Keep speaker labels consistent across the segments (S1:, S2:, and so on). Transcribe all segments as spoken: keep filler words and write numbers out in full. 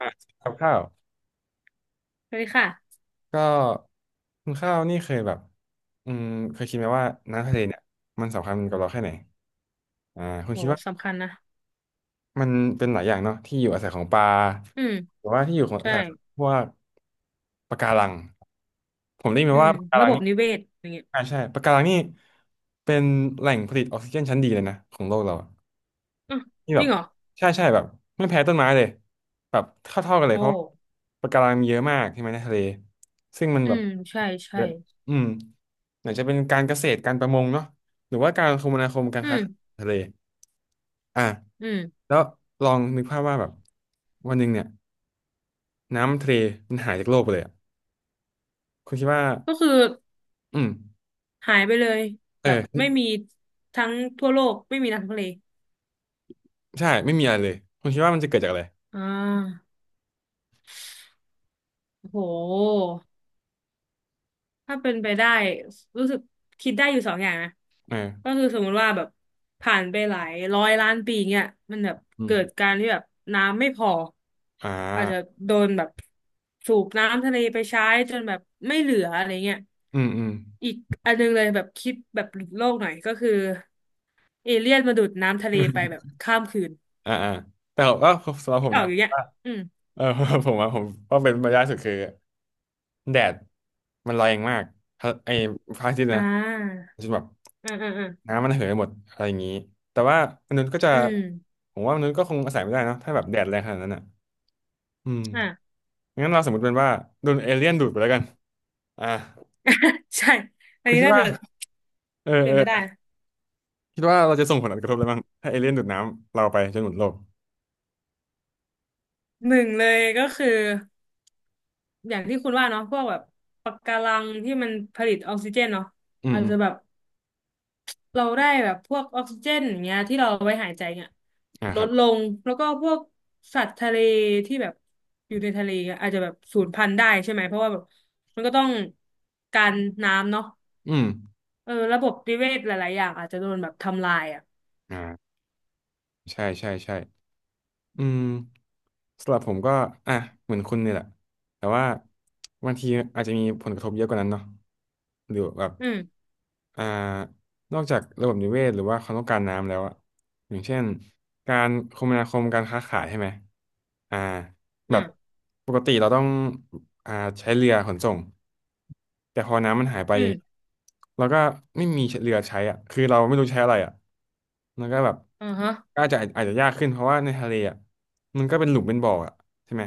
S1: อ่ะกับข้าว
S2: สวัสดีค่ะ
S1: ก็คุณข้าวนี่เคยแบบอืมเคยคิดไหมว่าน้ำทะเลเนี่ยมันสำคัญกับเราแค่ไหนอ่าคุณ
S2: โห
S1: คิดว่า
S2: สำคัญนะ
S1: มันเป็นหลายอย่างเนาะที่อยู่อาศัยของปลา
S2: อืม
S1: หรือว่าที่อยู่ของอา
S2: ใช่
S1: ศัยของพวกปะการังผมได้ยิน
S2: อื
S1: มา
S2: ม
S1: ว่าปะการั
S2: ระ
S1: ง
S2: บบ
S1: นี่
S2: นิเวศอย่างเงี้ย
S1: อ่าใช่ปะการังนี่เป็นแหล่งผลิตออกซิเจนชั้นดีเลยนะของโลกเราอะ
S2: อ่ะ
S1: นี่
S2: จ
S1: แบ
S2: ริ
S1: บ
S2: งเหรอ
S1: ใช่ใช่แบบไม่แพ้ต้นไม้เลยแบบเท่าๆกันเล
S2: โอ
S1: ยเพราะว่า
S2: ้
S1: ปะการังมีเยอะมากใช่ไหมในทะเลซึ่งมัน
S2: อื
S1: แบบ
S2: ม ใช่ ใช่
S1: เนี่ยอืมไหนจะเป็นการเกษตรการประมงเนาะหรือว่าการคมนาคมการ
S2: อื
S1: ค้า
S2: ม
S1: ทะเลอ่ะ
S2: อืม
S1: แล้วลองนึกภาพว่าแบบวันหนึ่งเนี่ยน้ำทะเลมันหายจากโลกไปเลยอ่ะคุณคิดว่า
S2: ก็คือ
S1: อืม
S2: หายไปเลย
S1: เอ
S2: แบบไม่
S1: อ
S2: มีทั้งทั่วโลก ไม่มีทั้งทะเล
S1: ใช่ไม่มีอะไรเลย คุณคิดว่ามันจะเกิดจากอะไร
S2: อ่าโอ้โห ถ้าเป็นไปได้รู้สึกคิดได้อยู่สองอย่างนะ
S1: เอ
S2: ก็
S1: อ
S2: คือสมมติว่าแบบผ่านไปหลายร้อยล้านปีเงี้ยมันแบบ
S1: อืม
S2: เกิดการที่แบบน้ำไม่พอ
S1: อ่
S2: อาจจะ
S1: า
S2: โดนแบบสูบน้ำทะเลไปใช้จนแบบไม่เหลืออะไรเงี้ย
S1: อืมอืม
S2: อีกอันนึงเลยแบบคิดแบบหลุดโลกหน่อยก็คือเอเลี่ยนมาดูดน้ำทะเลไปแบบข้ามคืน
S1: อ่าอ่าแต่ว่าสำหรับ
S2: คิ
S1: ผ
S2: ด
S1: ม
S2: ออก
S1: นะ
S2: อยู่เนี้ยอืม
S1: เออ ผมว่าผมว่าเป็นมารยาทสุดคือ แดดมันแรงมากฮะไอ้พระอาทิตย์นะ
S2: อ่า
S1: จนแบบ
S2: อืมอืมอืม
S1: น้ำมันเหินหมดอะไรอย่างนี้แต่ว่ามนุษย์ก็จะ
S2: อืม
S1: ผมว่ามนุษย์ก็คงอาศัยไม่ได้เนอะถ้าแบบแดดแรงขนาดนั้นอ่ะอืม
S2: อ่า
S1: งั้นเราสมมติเป็นว่าโดนเอเลี่ยนดูดไปแล้วกันอ่า
S2: ใช่อัน
S1: คุณ
S2: นี้
S1: คิด
S2: น่า
S1: ว่า
S2: จะ
S1: เออ
S2: เป็
S1: เอ
S2: นไปได้
S1: อคิดว่าเราจะส่งผลกระทบอะไรบ้างถ้าเอเลี่ยนดูดน้ำเราไปจนหมดโลก
S2: หนึ่งเลยก็คืออย่างที่คุณว่าเนาะพวกแบบปะการังที่มันผลิตออกซิเจนเนาะ
S1: อืม
S2: อาจ
S1: อืม
S2: จะแบบเราได้แบบพวกออกซิเจนอย่างเงี้ยที่เราเอาไว้หายใจเนี่ย
S1: อ่า
S2: ล
S1: ครั
S2: ด
S1: บ
S2: ลงแล้วก็พวกสัตว์ทะเลที่แบบอยู่ในทะเลอะอาจจะแบบสูญพันธุ์ได้ใช่ไหมเพราะว่าแบบมันก็ต้องการน้ำเนาะ
S1: อืม
S2: เออระบบนิเวศหลายๆอย่างอาจจะโดนแบบทำลายอ่ะ
S1: อ่าใช่ใช่ใช่ อืมสำหรับผมก็อ่ะเหมือนคุณเนี่ยแหละแต่ว่าบางทีอาจจะมีผลกระทบเยอะกว่านั้นเนาะหรือแบบ
S2: อืม
S1: อ่านอกจากระบบนิเวศหรือว่าความต้องการน้ำแล้วอะอย่างเช่นการคมนาคมการค้าขายใช่ไหมอ่า
S2: อื
S1: แบบ
S2: ม
S1: ปกติเราต้องอ่าใช้เรือขนส่งแต่พอน้ำมันหายไป
S2: อื
S1: อย่างเงี้ย
S2: ม
S1: เราก็ไม่มีเรือใช้อ่ะคือเราไม่รู้ใช้อะไรอ่ะมันก็แบบ
S2: อ่าฮะ
S1: ก็อาจจะอาจจะยากขึ้นเพราะว่าในทะเลอ่ะมันก็เป็นหลุมเป็นบ่ออ่ะใช่ไหม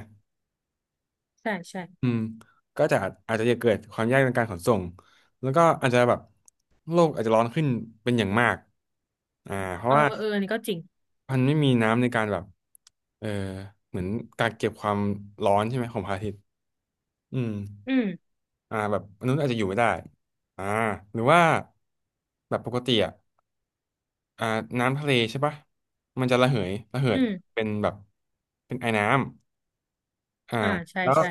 S2: ใช่ใช่
S1: อืมก็จะอาจจะเกิดความยากในการขนส่งแล้วก็อาจจะแบบโลกอาจจะร้อนขึ้นเป็นอย่างมากอ่าเพ
S2: เอ
S1: ราะ
S2: อ
S1: ว่า
S2: เอออันนี้ก็จริง
S1: มันไม่มีน้ำในการแบบเออเหมือนกักเก็บความร้อนใช่ไหมของพระอาทิตย์อืม
S2: อืม
S1: อ่าแบบมนุษย์อาจจะอยู่ไม่ได้อ่าหรือว่าแบบปกติอ่ะอ่าน้ำทะเลใช่ปะมันจะระเหยระเหิ
S2: อื
S1: ด
S2: ม
S1: เป็นแบบเป็นไอน้ำ อ่า
S2: อ่าใช่
S1: แล้ว
S2: ใช่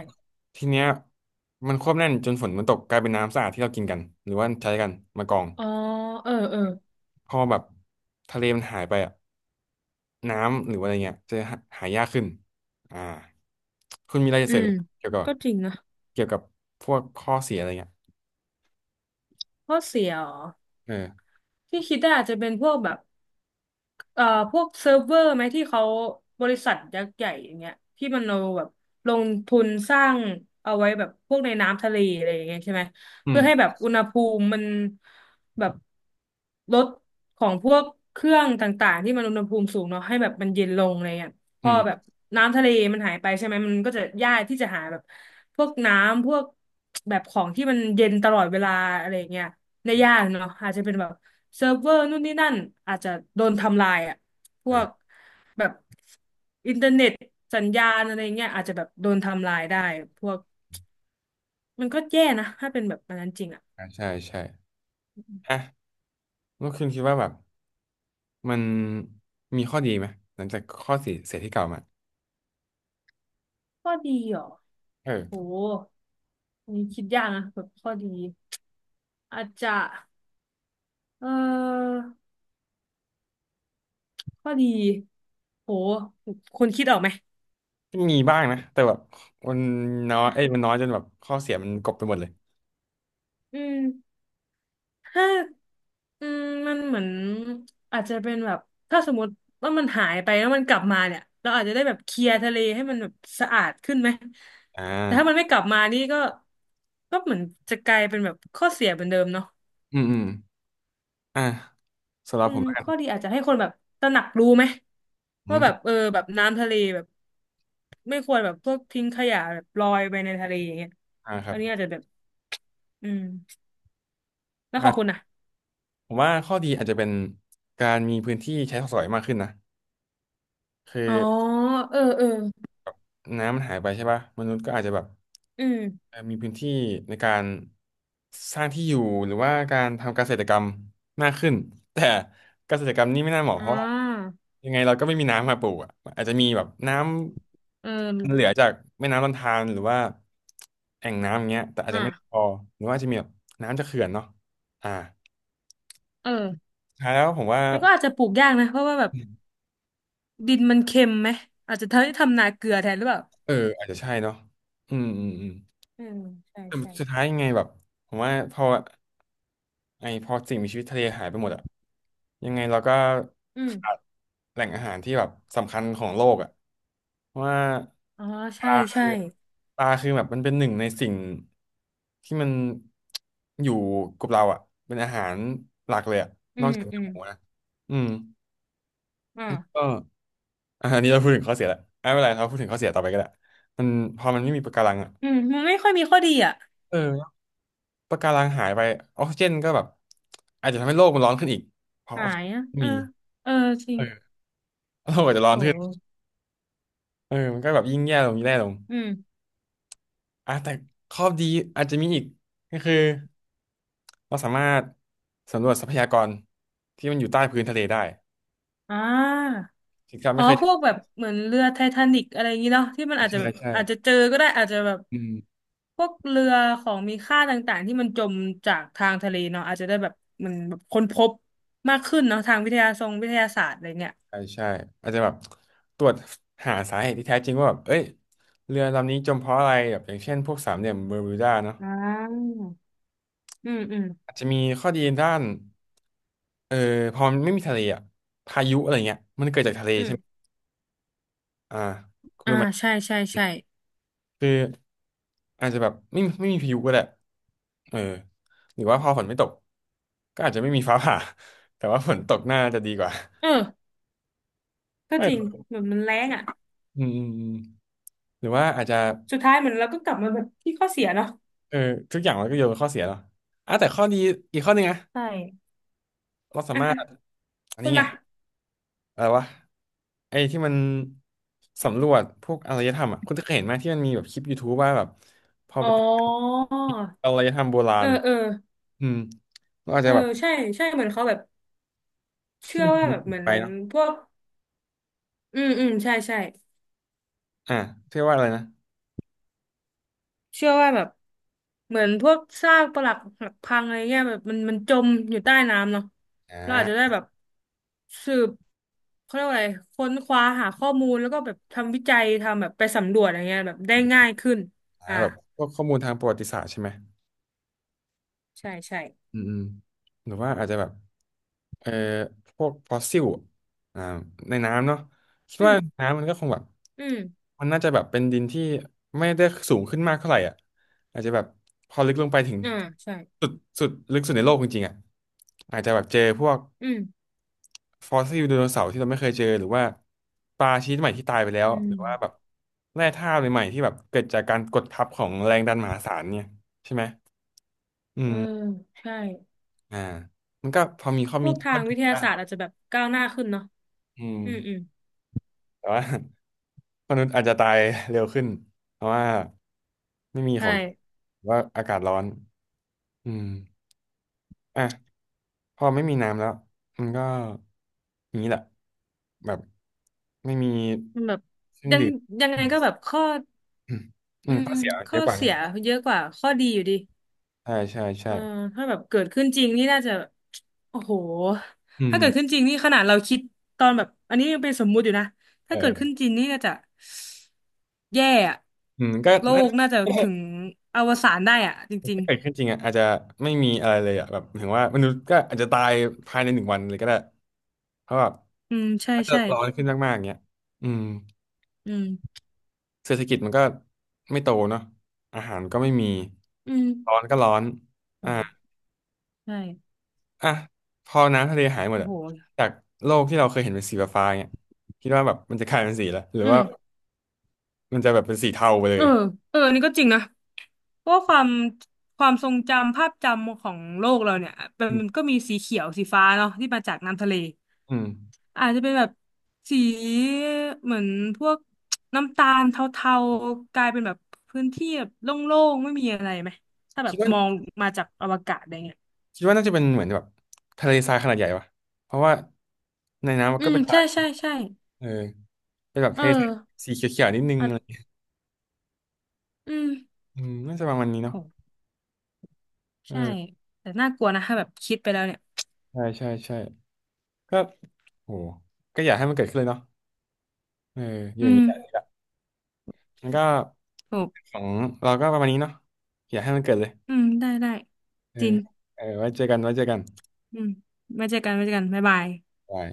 S1: ทีเนี้ยมันควบแน่นจนฝนมันตกกลายเป็นน้ำสะอาดที่เรากินกันหรือว่าใช้กันมากรอง
S2: อ๋อเออเออ
S1: พอแบบทะเลมันหายไปอ่ะน้ำหรือว่าอะไรเงี้ยจะหาหายากขึ้นอ่าคุณมีอะไรจะ
S2: อื
S1: เสริม
S2: ม
S1: เกี่ยวกับ
S2: ก็จริงนะ
S1: เกี่ยวกับพวกข้อเสียอะไรเงี้ย
S2: ข้อเสียเหรอ
S1: เออ
S2: ที่คิดได้อาจจะเป็นพวกแบบ เอ่อพวกเซิร์ฟเวอร์ไหมที่เขาบริษัทยักษ์ใหญ่อย่างเงี้ยที่มันเอาแบบลงทุนสร้างเอาไว้แบบพวกในน้ำทะเลอะไรอย่างเงี้ยใช่ไหม
S1: อื
S2: เพื่
S1: ม
S2: อให้แบบอุณหภูมิมันแบบลดของพวกเครื่องต่างๆที่มันอุณหภูมิสูงเนาะให้แบบมันเย็นลงอะไรเงี้ยพ
S1: อื
S2: อแบบ
S1: ม
S2: น้ำทะเลมันหายไปใช่ไหมมันก็จะยากที่จะหาแบบพวกน้ำพวกแบบของที่มันเย็นตลอดเวลาอะไรเงี้ยได้
S1: อื
S2: ยาก
S1: ม
S2: เนาะอาจจะเป็นแบบ เซิร์ฟเวอร์นู่นนี่นั่นอาจจะโดนทำลายอ่ะพวก
S1: อ่า
S2: แบบอินเทอร์เน็ตสัญญาณอะไรเงี้ยอาจจะแบบโดนทำลายได้พวกมันก็แย่นะถ้าเป็นแบบอันนั้นจริงอ่ะ
S1: ใช่ใช่อ่ะแล้วคุณคิดว่าแบบมันมีข้อดีไหมหลังจากข้อเสียเสียที่กล่าวมา
S2: ข้อดีเหรอโห
S1: เออ
S2: อันนี่คิดยากนะแบบข้อดีอาจจะเออข้อดีโหคนคิดออกไหม
S1: มีบ้างนะแต่แบบมันน้อยเอ้ยมันน้อยจนแบบข้อเสียมันกลบไปหมดเลย
S2: อืม ถ้าอืมมันเหมือนอาจจะเป็นแบบถ้าสมมติว่ามันหายไปแล้วมันกลับมาเนี่ยเราอาจจะได้แบบเคลียร์ทะเลให้มันแบบสะอาดขึ้นไหม
S1: อ่
S2: แต่ถ้ามัน
S1: า
S2: ไม่กลับมานี่ก็ก็เหมือนจะกลายเป็นแบบข้อเสียเหมือนเดิมเนาะ
S1: อืมอืมอ่าสำหรับ
S2: อื
S1: ผ
S2: ม
S1: มแล้วกัน
S2: ข้อดีอาจจะให้คนแบบตระหนักรู้ไหม
S1: อื
S2: ว่า
S1: ม
S2: แบบเออแบบน้ำทะเลแบบไม่ควรแบบพวกทิ้งขยะแบบลอยไปในทะเลอย่างเงี้ย
S1: อ่าครั
S2: อั
S1: บ
S2: นนี้อาจจะแบบอืมแล้วของคุณ
S1: อ่ะ
S2: อ่ะ
S1: ผมว่าข้อดีอาจจะเป็นการมีพื้นที่ใช้สอยมากขึ้นนะคือ
S2: อ๋อเออเออ
S1: น้ำมันหายไปใช่ป่ะมนุษย์ก็อาจจะแบบ
S2: อืม
S1: เอ่อมีพื้นที่ในการสร้างที่อยู่หรือว่าการทำเกษตรกรรมมากขึ้น แต่เกษตรกรรมนี่ไม่น่าเหมาะ
S2: อ่
S1: เพราะว่า
S2: า
S1: ยังไงเราก็ไม่มีน้ำมาปลูกอ่ะอาจจะมีแบบน้
S2: เออ
S1: ำเหลือจากแม่น้ำลำธารหรือว่าแอ่งน้ำอย่างเงี้ยแต่อาจ
S2: อ่ะ
S1: จะไม่พอหรือว่าจะมีแบบน้ำจากเขื่อนเนาะอ่า
S2: เออ
S1: สุดท้ายแล้วผมว่า
S2: แล้วก็อาจจะปลูกยากนะ เพราะว่าแบบดินมันเค็มไหม อาจจะทำให้ทำนาเกลือแทนหรือเปล่า
S1: เอออาจจะใช่เนาะอืมอืมอืม
S2: อืม ใช่
S1: แต่
S2: ใช่
S1: สุดท้ายยังไงแบบผมว่าพอ ไอพอสิ่งมีชีวิตทะเลหายไปหมดอะยังไงเราก็
S2: อืม
S1: ขาดแหล่งอาหารที่แบบสำคัญของโลกอะเพราะว่า
S2: อ๋อ
S1: ป
S2: ใช่
S1: ลา
S2: ใช่
S1: คือปลาคือแบบมันเป็นหนึ่งในสิ่งที่มันอยู่กับเราอะเป็นอาหารหลักเลยอะ
S2: อื
S1: นอก
S2: ม
S1: จาก
S2: อื
S1: เนื้อ
S2: ม
S1: หมูนะอืม
S2: อ่า
S1: ก็อะอันนี้เราพูดถึงข้อเสียแล้วไม่เป็นไรเราพูดถึงข้อเสียต่อไปก็ได้มันพอมันไม่มีปะการังอะ
S2: อืมมันไม่ค่อยมีข้อดีอ่ะ
S1: เออปะการังหายไปออกซิเจนก็แบบอาจจะทำให้โลกมันร้อนขึ้นอีกเพราะอ
S2: หา
S1: อกซิ
S2: ย
S1: เจ
S2: อ่ะ
S1: น
S2: เออ
S1: มี
S2: เออ จริ
S1: เอ
S2: ง
S1: อโลกอาจจะร้อนขึ้น
S2: โห
S1: เออมันก็แบบยิ่งแย่ลงแย่ลง
S2: อืม
S1: อ่ะแต่ข้อดีอาจจะมีอีกก็คือเราสามารถสำรวจทรัพยากรที่มันอยู่ใต้พื้นทะเลได้
S2: อ่า
S1: ที่เรา
S2: อ๋อ
S1: ไม่เคย
S2: พวกแบบเหมือนเรือไททานิกอะไรอย่างนี้เนาะที่มันอาจจะแบ
S1: ใช่
S2: บ
S1: ใช่
S2: อาจจะเจอก็ได้อาจจะแบบ
S1: อืม
S2: พวกเรือของมีค่าต่างๆที่มันจมจากทางทะเลเนาะอาจจะได้แบบมันแบบค้นพบมากขึ้นเนาะทางวิทยาทรงวิทยาศาสตร์อะไรเงี้ย
S1: ใช่ใช่อาจจะแบบตรวจหาสาเหตุที่แท้จริงว่าแบบเอ้ยเรือลำนี้จมเพราะอะไรแบบอย่างเช่นพวกสามเหลี่ยมเบอร์มิวดาเนาะ
S2: อ่าอืมอืม
S1: อาจจะมีข้อดีด้านเออพอมันไม่มีทะเลอะพายุอะไรเงี้ยมันเกิดจากทะเล
S2: อื
S1: ใช่ไหม
S2: ม
S1: อ่าคุณ
S2: อ่า
S1: รู้ไหม
S2: ใช่ใช่ใช่
S1: คือ อาจจะแบบไม่ไม่มีพายุก็ได้เออหรือว่าพอฝนไม่ตก ก็อาจจะไม่มีฟ้าผ่า แต่ว่าฝนตกน่าจะดีกว่า
S2: เออก็
S1: ไม่
S2: จริงเหมือนมันแรงอ่ะ
S1: อืมหรือว่าอาจจะ
S2: สุดท้ายเหมือนเราก็กลับมาแบบที่ข้อเสียเนาะ
S1: เออ ทุกอย่างมันก็โยนเป็นข้อเสียเนาะอ่ะแต่ข้อดีอีกข้อหนึงนะ
S2: ใช่
S1: เราสา
S2: อ่ะ
S1: มา
S2: อ่ะ
S1: รถ อัน
S2: คุ
S1: นี้
S2: ณ
S1: ไง
S2: มา
S1: อะไรวะไอ้ที่มันสำรวจพวกอารยธรรมอ่ะคุณจะเคยเห็นไหมที่มันมีแบบคลิป ยูทูบ ว่าแบบพอ
S2: อ๋
S1: ไป
S2: อ
S1: อารยธรรมโบรา
S2: เออ
S1: ณ
S2: เออ
S1: อืมเราอาจ
S2: เออ
S1: จะแบบ
S2: ใช่ใช่เหมือนเขาแบบ
S1: ที่
S2: เชื่อ
S1: มันถู
S2: ว่าแบบเห
S1: ก
S2: มือน
S1: ไปเนาะ
S2: พวกอืมอืมใช่ใช่
S1: อ่ะเรียกว่าอะไรนะ
S2: เชื่อว่าแบบเหมือนพวกซากปรักหักพังอะไรเงี้ยแบบมันมันจมอยู่ใต้น้ำเนาะ
S1: อ่
S2: เราอาจจะได้
S1: า
S2: แบบสืบเขาเรียกว่าอะไรค้นคว้าหาข้อมูลแล้วก็แบบทำวิจัยทำแบบไปสำรวจอะไรเงี้ยแบบได้ง่ายขึ้น
S1: หา
S2: อ่า
S1: แบบพวกข้อมูลทางประวัติศาสตร์ใช่ไหม
S2: ใช่ใช่
S1: อืมอืมหรือว่าอาจจะแบบเอ่อพวกฟอสซิลอ่าในน้ำเนาะคิด
S2: อื
S1: ว่า
S2: ม
S1: น้ำมันก็คงแบบ
S2: อืม
S1: มันน่าจะแบบเป็นดินที่ไม่ได้สูงขึ้นมากเท่าไหร่อ่ะอาจจะแบบพอลึกลงไปถึง
S2: อ่าใช่
S1: สุดสุดลึกสุดในโลกจริงๆอ่ะอาจจะแบบเจอพวก
S2: อืม
S1: ฟอสซิลไดโนเสาร์ที่เราไม่เคยเจอหรือว่าปลาชนิดใหม่ที่ตายไปแล้ว
S2: อื
S1: ห
S2: ม
S1: รือว่าแบบแร่ธาตุใหม่ๆที่แบบเกิดจากการกดทับของแรงดันมหาศาลเนี่ยใช่ไหมอื
S2: เออ
S1: ม
S2: ใช่
S1: อ่ามันก็พอมีข้อ
S2: พ
S1: มี
S2: วกทา
S1: ข้อ
S2: ง
S1: ดี
S2: วิทยา
S1: บ้าง
S2: ศาสตร์อาจจะแบบก้าวหน้าขึ้นเนาะ
S1: อืม
S2: อืมอืม
S1: แต่ว่า มนุษย์อาจจะตายเร็วขึ้นเพราะว่าไม่มีข
S2: ใช่
S1: องหรือว่าอากาศร้อนอืมอ่ะพอไม่มีน้ำแล้วมันก็อย่างนี้แหละแบบไม่มี
S2: มันแบบ
S1: เครื่อง
S2: ยัง
S1: ดื่ม
S2: ยังไงก็
S1: อื
S2: แบบข้อ
S1: มอืม
S2: อื
S1: ข้
S2: ม
S1: อเสียเย
S2: ข้อ
S1: อะกว่า
S2: เสี
S1: นะ
S2: ยเยอะกว่าข้อดีอยู่ดี
S1: ใช่ใช่ใช่
S2: เออถ้าแบบเกิดขึ้นจริงนี่น่าจะโอ้โห
S1: อื
S2: ถ้า
S1: ม
S2: เกิดขึ้นจริงนี่ขนาดเราคิดตอนแบบอันนี้ยังเป็นสมมุติอยู่นะถ้าเกิด
S1: เออ
S2: ขึ้นจริงนี่น่าจะแย่อะ
S1: อืมก็
S2: โล
S1: น่า
S2: กน่าจะถึงอวสานได้อะจริง
S1: ถ้าเกิดขึ้นจริงอ่ะอาจจะไม่มีอะไรเลยอ่ะแบบถึงว่ามนุษย์ก็อาจจะตายภายในหนึ่งวันเลยก็ได้เพราะแบบ
S2: ๆอืมใช่
S1: ถ้าเกิด
S2: ใช่
S1: ร้อนขึ้นมากๆอย่างเงี้ยอืม
S2: อืม
S1: เศรษฐกิจมันก็ไม่โตเนาะอาหารก็ไม่มี
S2: อืม
S1: ร้อนก็ร้อน
S2: โอ้ใช่
S1: อ่ะพอน้ำทะเลหายหมด
S2: โอ้
S1: อ่ะ
S2: โห
S1: จากโลกที่เราเคยเห็นเป็นสีฟ้าๆเงี้ยคิดว่าแบบมันจะกลายเป็นสีละหรือ
S2: อื
S1: ว่า
S2: ม
S1: มันจะแบบเป็นสีเทาไปเล
S2: เอ
S1: ย
S2: อเอออันนี้ก็จริงนะ เพราะว่าความความทรงจำภาพจำของโลกเราเนี่ยมัน
S1: อื
S2: มัน
S1: ม
S2: ก็มีสีเขียวสีฟ้าเนาะที่มาจากน้ำทะเล
S1: อืม
S2: อาจจะเป็นแบบสีเหมือนพวกน้ำตาลเทาๆกลายเป็นแบบพื้นที่แบบโล่งๆไม่มีอะไรไหมถ้าแบ
S1: คิด
S2: บ
S1: ว่า
S2: มองมาจากอวกาศอะไรเงี้ย
S1: คิดว่าน่าจะเป็นเหมือนแบบทะเลทรายขนาดใหญ่ปะเพราะว่าในน้ำมัน
S2: อื
S1: ก็
S2: ม
S1: เป็นทรา
S2: ใช่
S1: ย
S2: ใช่ใช่
S1: เออ เป็นแบบ
S2: เอ
S1: เท
S2: อ
S1: สสีเขียวๆนิดนึง
S2: อ่ะ
S1: อะไร
S2: อืม
S1: อืมน่าจะประมาณนี้เนาะ
S2: โห
S1: เอ
S2: ใช่
S1: อ
S2: แต่น่ากลัวนะถ้าแบบคิดไปแล้วเนี่ย
S1: ใช่ใช่ใช่ก็โหก็อยากให้มันเกิดขึ้นเลยเนาะเอออยู่
S2: อื
S1: อย่าง
S2: ม
S1: นี้แหละแล้วก็
S2: ถูก
S1: ของเราก็ประมาณนี้เนาะอยากให้มันเกิดเลย
S2: อืมได้ได้
S1: เออ
S2: จริง
S1: เออไว้เจอกันไว้เจอกัน
S2: อืมไว้เจอกันไว้เจอกันบ๊ายบาย
S1: บาย